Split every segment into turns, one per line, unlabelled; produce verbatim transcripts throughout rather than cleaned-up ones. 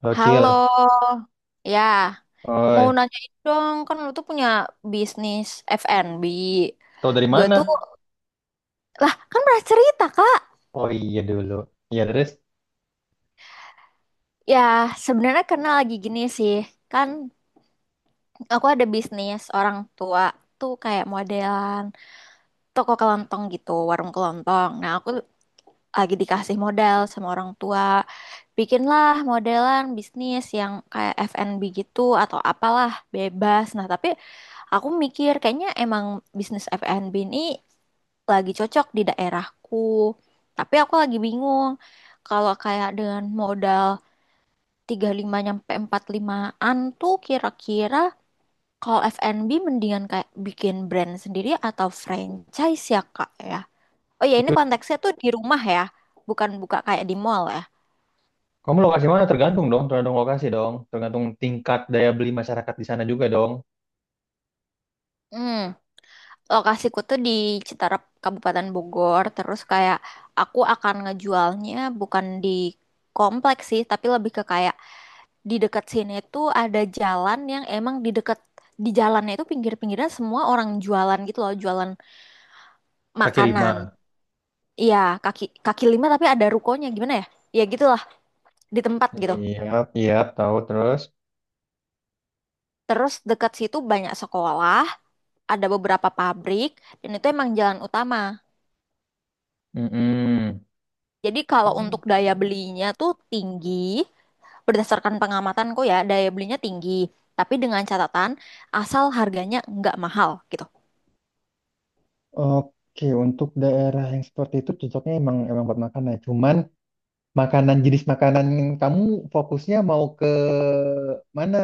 Halo Cil,
Halo, ya mau
oi,
nanyain dong, kan lu tuh punya bisnis F and B.
tau dari
Gue
mana?
tuh, lah kan pernah cerita kak.
Oh iya dulu, iya terus
Ya sebenarnya karena lagi gini sih, kan aku ada bisnis orang tua tuh kayak modelan toko kelontong gitu, warung kelontong. Nah aku lagi dikasih modal sama orang tua, bikinlah modelan bisnis yang kayak F and B gitu atau apalah bebas. Nah tapi aku mikir kayaknya emang bisnis F and B ini lagi cocok di daerahku. Tapi aku lagi bingung kalau kayak dengan modal tiga puluh lima nyampe empat puluh lima limaan tuh kira-kira kalau F and B mendingan kayak bikin brand sendiri atau franchise ya Kak ya. Oh ya ini
itu
konteksnya tuh di rumah ya, bukan buka kayak di mall ya.
kamu lokasi mana? Tergantung dong, tergantung lokasi dong, tergantung tingkat daya beli masyarakat di sana juga dong.
Hmm. Lokasiku tuh di Citarap Kabupaten Bogor terus kayak aku akan ngejualnya bukan di kompleks sih tapi lebih ke kayak di dekat sini tuh ada jalan yang emang di dekat di jalannya itu pinggir-pinggirnya semua orang jualan gitu loh, jualan
Kaki
makanan.
lima.
Iya, kaki kaki lima tapi ada rukonya, gimana ya, ya gitulah, di tempat gitu.
Iya, iya tahu terus.
Terus dekat situ banyak sekolah, ada beberapa pabrik dan itu emang jalan utama,
Mm-mm.
jadi kalau untuk daya belinya tuh tinggi. Berdasarkan pengamatanku ya, daya belinya tinggi, tapi dengan catatan asal harganya nggak mahal gitu.
Oke, untuk daerah yang seperti itu cocoknya emang emang buat makan ya. Cuman makanan jenis makanan yang kamu fokusnya mau ke mana?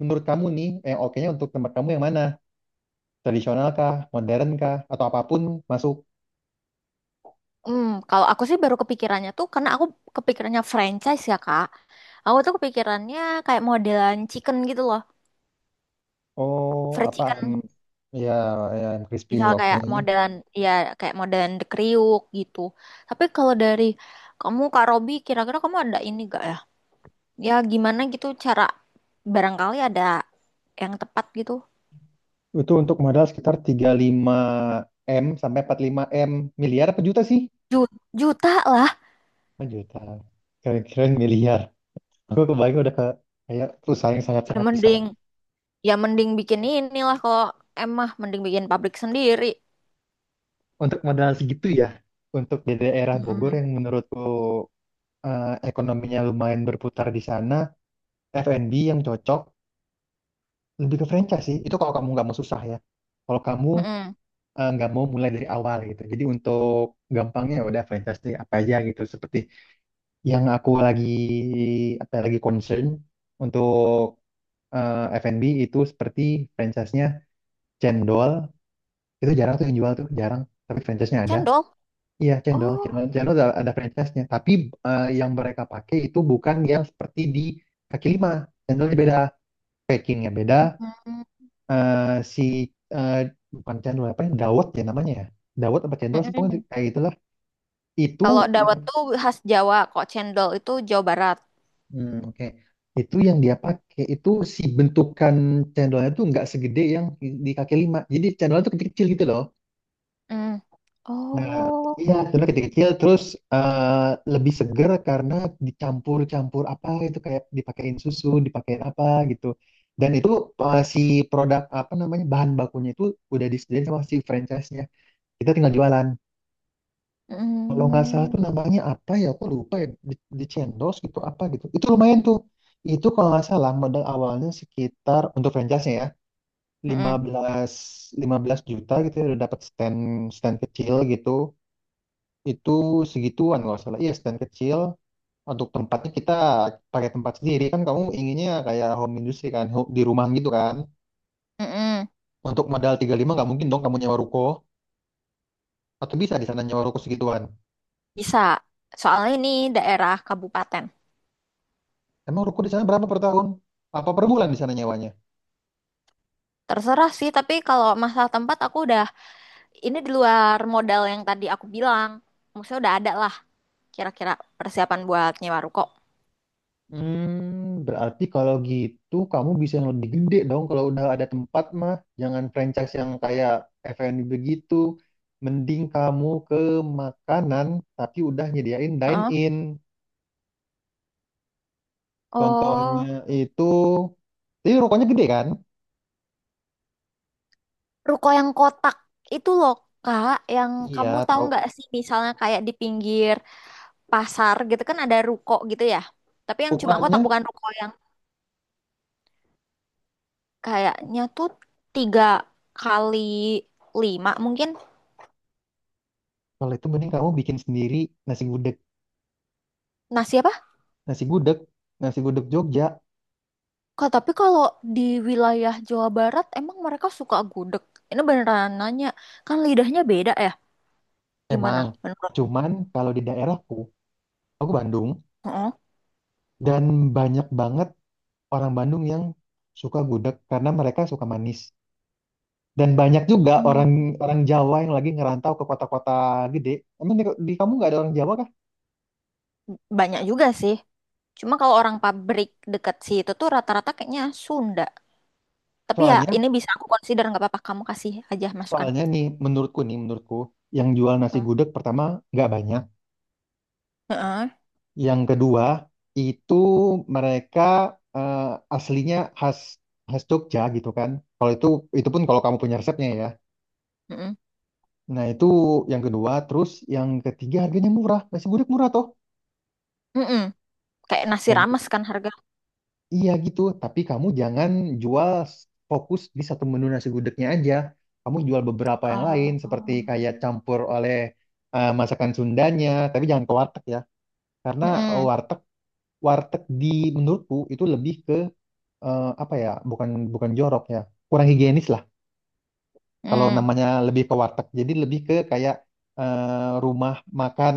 Menurut kamu nih, yang oke-nya untuk tempat kamu yang mana? Tradisional kah, modern kah, atau apapun masuk.
Hmm, kalau aku sih baru kepikirannya tuh karena aku kepikirannya franchise ya, Kak. Aku tuh kepikirannya kayak modelan chicken gitu loh,
Oh,
fried
apa ayam,
chicken.
ya, ya ayam crispy,
Misal
oke.
kayak modelan ya kayak modelan The Kriuk gitu. Tapi kalau dari kamu Kak Robi, kira-kira kamu ada ini gak ya? Ya gimana gitu cara, barangkali ada yang tepat gitu.
Itu untuk modal sekitar tiga puluh lima m sampai empat puluh lima m. Miliar apa juta sih?
Ju- Juta lah.
Oh, juta. Kira-kira miliar. Aku kebayang udah ke kayak perusahaan yang
Ya
sangat-sangat besar.
mending Ya mending bikin inilah, kalau emah mending bikin pabrik sendiri.
Untuk modal segitu ya, untuk di daerah Bogor
Mm-mm.
yang menurutku eh, ekonominya lumayan berputar di sana, F and B yang cocok lebih ke franchise sih. Itu kalau kamu nggak mau susah ya. Kalau kamu
Mm-mm.
eh, nggak mau mulai dari awal gitu. Jadi untuk gampangnya ya udah fantastik apa aja gitu. Seperti yang aku lagi apa lagi concern untuk eh, F and B itu seperti franchise-nya Cendol itu jarang tuh yang jual tuh jarang. Tapi franchise-nya ada.
Cendol.
Iya Cendol,
Oh.
Cendol, Cendol ada, ada franchise-nya. Tapi eh, yang mereka pakai itu bukan yang seperti di kaki lima. Cendolnya beda, packingnya beda.
Mm-mm.
Eh, si eh, bukan cendol apa ya? Dawet ya namanya ya. Dawet apa cendol sih pokoknya
Mm-mm.
kayak itulah itu
Kalau
yang
dawet tuh khas Jawa, kok cendol itu Jawa Barat.
hmm, oke itu yang dia pakai itu si bentukan cendolnya tuh nggak segede yang di kaki lima, jadi cendolnya tuh kecil-kecil gitu loh.
Mm.
Nah
Oh.
iya cendolnya kecil-kecil terus eh, lebih seger karena dicampur-campur apa itu kayak dipakein susu dipakein apa gitu. Dan itu eh, si produk apa namanya bahan bakunya itu udah disediain sama si franchise-nya, kita tinggal jualan. Kalau nggak salah
Mm.
tuh namanya apa ya aku lupa ya, di, di Cendol gitu apa gitu itu lumayan tuh. Itu kalau nggak salah modal awalnya sekitar untuk franchise-nya ya lima
Mm-mm.
belas lima belas juta gitu ya udah dapat stand stand kecil gitu. Itu segituan kalau nggak salah, iya stand kecil. Untuk tempatnya kita pakai tempat sendiri kan, kamu inginnya kayak home industry kan, ho- di rumah gitu kan.
Mm-mm.
Untuk modal tiga puluh lima nggak mungkin dong kamu nyewa ruko, atau bisa di sana nyewa ruko segituan?
Bisa. Soalnya ini daerah kabupaten.
Emang ruko di sana berapa per tahun apa per bulan di sana nyewanya?
Terserah sih, tapi kalau masalah tempat aku udah, ini di luar modal yang tadi aku bilang. Maksudnya udah ada lah kira-kira persiapan buat nyewa ruko.
Hmm, berarti kalau gitu kamu bisa yang lebih gede dong kalau udah ada tempat mah. Jangan franchise yang kayak F and B begitu. Mending kamu ke makanan tapi udah nyediain
Heeh.
dine-in.
Oh.
Contohnya itu, jadi rokoknya gede kan?
Ruko yang kotak itu loh Kak, yang kamu
Iya,
tahu
tahu.
nggak sih, misalnya kayak di pinggir pasar gitu kan ada ruko gitu ya. Tapi yang cuma
Ukurannya,
kotak, bukan ruko, yang kayaknya tuh tiga kali lima mungkin.
kalau itu mending kamu bikin sendiri nasi gudeg.
Nasi apa?
Nasi gudeg, nasi gudeg Jogja,
Kak, tapi kalau di wilayah Jawa Barat emang mereka suka gudeg? Ini beneran nanya, kan lidahnya beda ya? Gimana
emang.
menurutmu?
Cuman kalau di daerahku, aku Bandung,
Heeh.
dan banyak banget orang Bandung yang suka gudeg karena mereka suka manis. Dan banyak juga
Hmm,
orang orang Jawa yang lagi ngerantau ke kota-kota gede. Emang di, di kamu nggak ada orang Jawa kah?
banyak juga sih. Cuma kalau orang pabrik dekat situ tuh rata-rata kayaknya Sunda. Tapi ya
Soalnya
ini bisa aku consider, nggak apa-apa kamu kasih aja masukan.
soalnya nih menurutku nih menurutku yang jual nasi
Heeh.
gudeg pertama nggak banyak.
Heeh.
Yang kedua itu mereka eh, aslinya khas khas Jogja gitu kan. Kalau itu itu pun kalau kamu punya resepnya ya.
Heeh.
Nah itu yang kedua. Terus yang ketiga harganya murah. Nasi gudeg murah toh.
Heeh. Kayak nasi
Dan
rames kan harga.
iya gitu, tapi kamu jangan jual s- fokus di satu menu nasi gudegnya aja. Kamu jual beberapa yang lain, seperti
Oh.
kayak campur oleh eh, masakan Sundanya, tapi jangan ke warteg ya. Karena
Heeh.
warteg warteg di menurutku itu lebih ke eh, apa ya? Bukan bukan jorok ya, kurang higienis lah. Kalau
Heeh.
namanya lebih ke warteg, jadi lebih ke kayak eh, rumah makan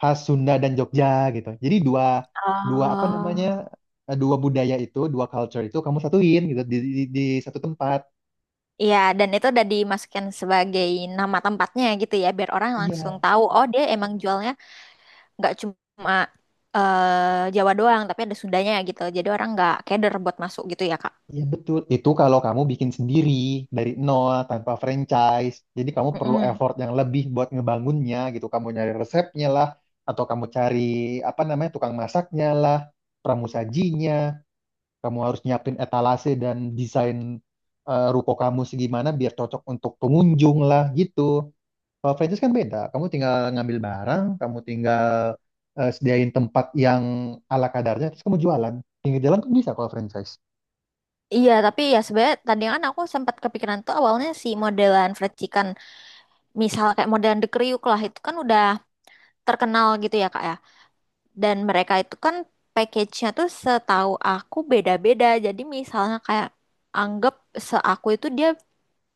khas Sunda dan Jogja gitu. Jadi dua dua apa
Oh.
namanya eh, dua budaya itu, dua culture itu kamu satuin gitu di, di, di satu tempat.
Iya, dan itu udah dimasukkan sebagai nama tempatnya gitu ya, biar orang langsung
Iya,
tahu, oh dia emang jualnya nggak cuma eh, Jawa doang, tapi ada Sundanya gitu. Jadi orang nggak keder buat masuk gitu ya, Kak.
iya betul. Itu kalau kamu bikin sendiri dari nol tanpa franchise. Jadi kamu perlu
Mm-mm.
effort yang lebih buat ngebangunnya gitu. Kamu nyari resepnya lah, atau kamu cari apa namanya tukang masaknya lah, pramusajinya. Kamu harus nyiapin etalase dan desain eh, ruko kamu segimana biar cocok untuk pengunjung lah gitu. Kalau franchise kan beda. Kamu tinggal ngambil barang, kamu tinggal eh, sediain tempat yang ala kadarnya, terus kamu jualan. Pinggir jalan kan bisa kalau franchise.
Iya, tapi ya sebenarnya tadi kan aku sempat kepikiran tuh awalnya si modelan fried chicken. Misal kayak modern The Kriuk lah, itu kan udah terkenal gitu ya kak ya, dan mereka itu kan package-nya tuh setahu aku beda-beda, jadi misalnya kayak anggap seaku itu dia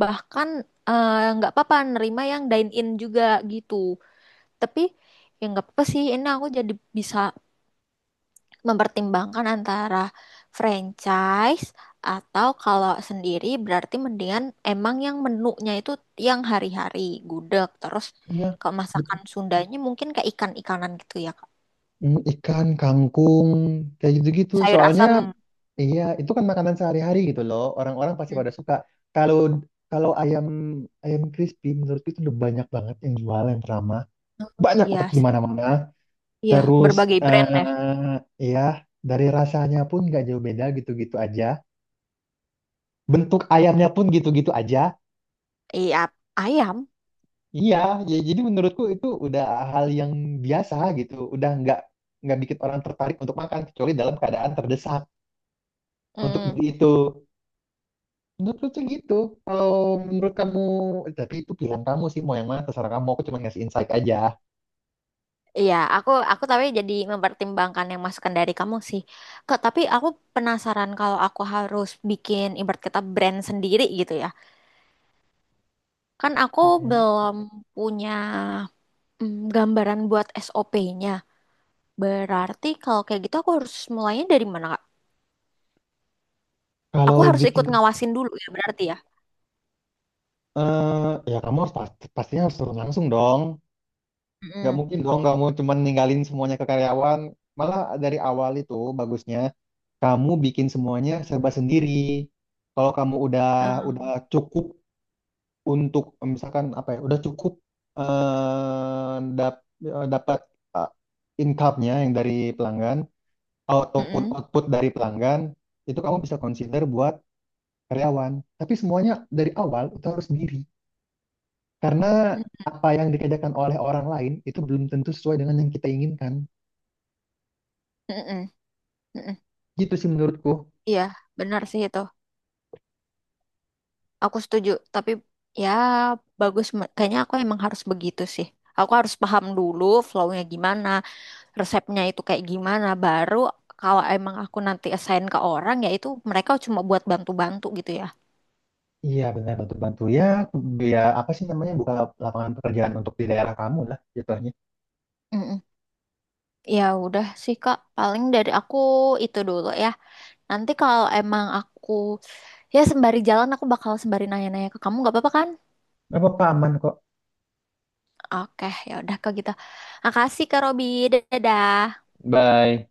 bahkan eh, nggak apa-apa nerima yang dine in juga gitu, tapi ya nggak apa-apa sih, ini aku jadi bisa mempertimbangkan antara franchise, atau kalau sendiri berarti mendingan emang yang menunya itu yang hari-hari gudeg terus,
Iya,
kalau masakan
betul.
Sundanya mungkin kayak ikan-ikanan gitu ya Kak.
Mm, ikan, kangkung, kayak gitu-gitu.
Sayur
Soalnya,
asam.
iya, itu kan makanan sehari-hari gitu loh. Orang-orang pasti
Hmm.
pada suka. Kalau kalau ayam ayam crispy, menurutku itu udah banyak banget yang jualan pertama. Banyak
Iya
banget di
sih,
mana-mana.
iya
Terus,
berbagai brand ya.
eh ya, dari rasanya pun nggak jauh beda gitu-gitu aja. Bentuk ayamnya pun gitu-gitu aja.
Iya ayam.
Iya, ya jadi menurutku itu udah hal yang biasa gitu. Udah nggak nggak bikin orang tertarik untuk makan kecuali dalam keadaan terdesak untuk
Mm.
beli itu. Menurutku sih gitu. Kalau Menurut kamu, tapi itu pilihan kamu sih mau yang mana terserah kamu. Aku cuma ngasih insight aja.
Iya, aku aku tapi jadi mempertimbangkan yang masukan dari kamu sih. Kak, tapi aku penasaran kalau aku harus bikin ibarat kata brand sendiri gitu ya. Kan aku
Mhm.
belum punya mm, gambaran buat S O P-nya. Berarti kalau kayak gitu aku harus mulainya dari mana, Kak?
Kalau
Aku harus
bikin,
ikut ngawasin dulu ya berarti ya.
eh ya kamu harus pasti, pastinya harus turun langsung dong. Nggak
Mm-mm.
mungkin dong kamu cuma ninggalin semuanya ke karyawan. Malah dari awal itu bagusnya kamu bikin semuanya serba sendiri. Kalau kamu udah
Ah,
udah cukup untuk eh, misalkan apa ya, udah cukup eh, dap- eh, dapat eh, income-nya yang dari pelanggan ataupun
mm-mm.
output dari pelanggan itu kamu bisa consider buat karyawan. Tapi semuanya dari awal itu harus sendiri karena
Mm-mm.
apa yang dikerjakan oleh orang lain itu belum tentu sesuai dengan yang kita inginkan.
Mm-mm.
Gitu sih menurutku.
Iya, benar sih itu. Aku setuju. Tapi ya bagus. me- Kayaknya aku emang harus begitu sih. Aku harus paham dulu flow-nya gimana, resepnya itu kayak gimana. Baru kalau emang aku nanti assign ke orang ya, itu mereka cuma buat bantu-bantu gitu ya.
Iya benar bantu-bantu ya, dia apa sih namanya buka lapangan pekerjaan untuk di daerah kamu lah jatuhnya.
Mm-mm. Ya udah sih Kak, paling dari aku itu dulu ya. Nanti kalau emang aku, ya sembari jalan aku bakal sembari nanya-nanya ke kamu, nggak apa-apa kan?
Apa apa aman kok.
Oke, ya udah Kak gitu. Makasih Kak Robi. Dadah.
Bye.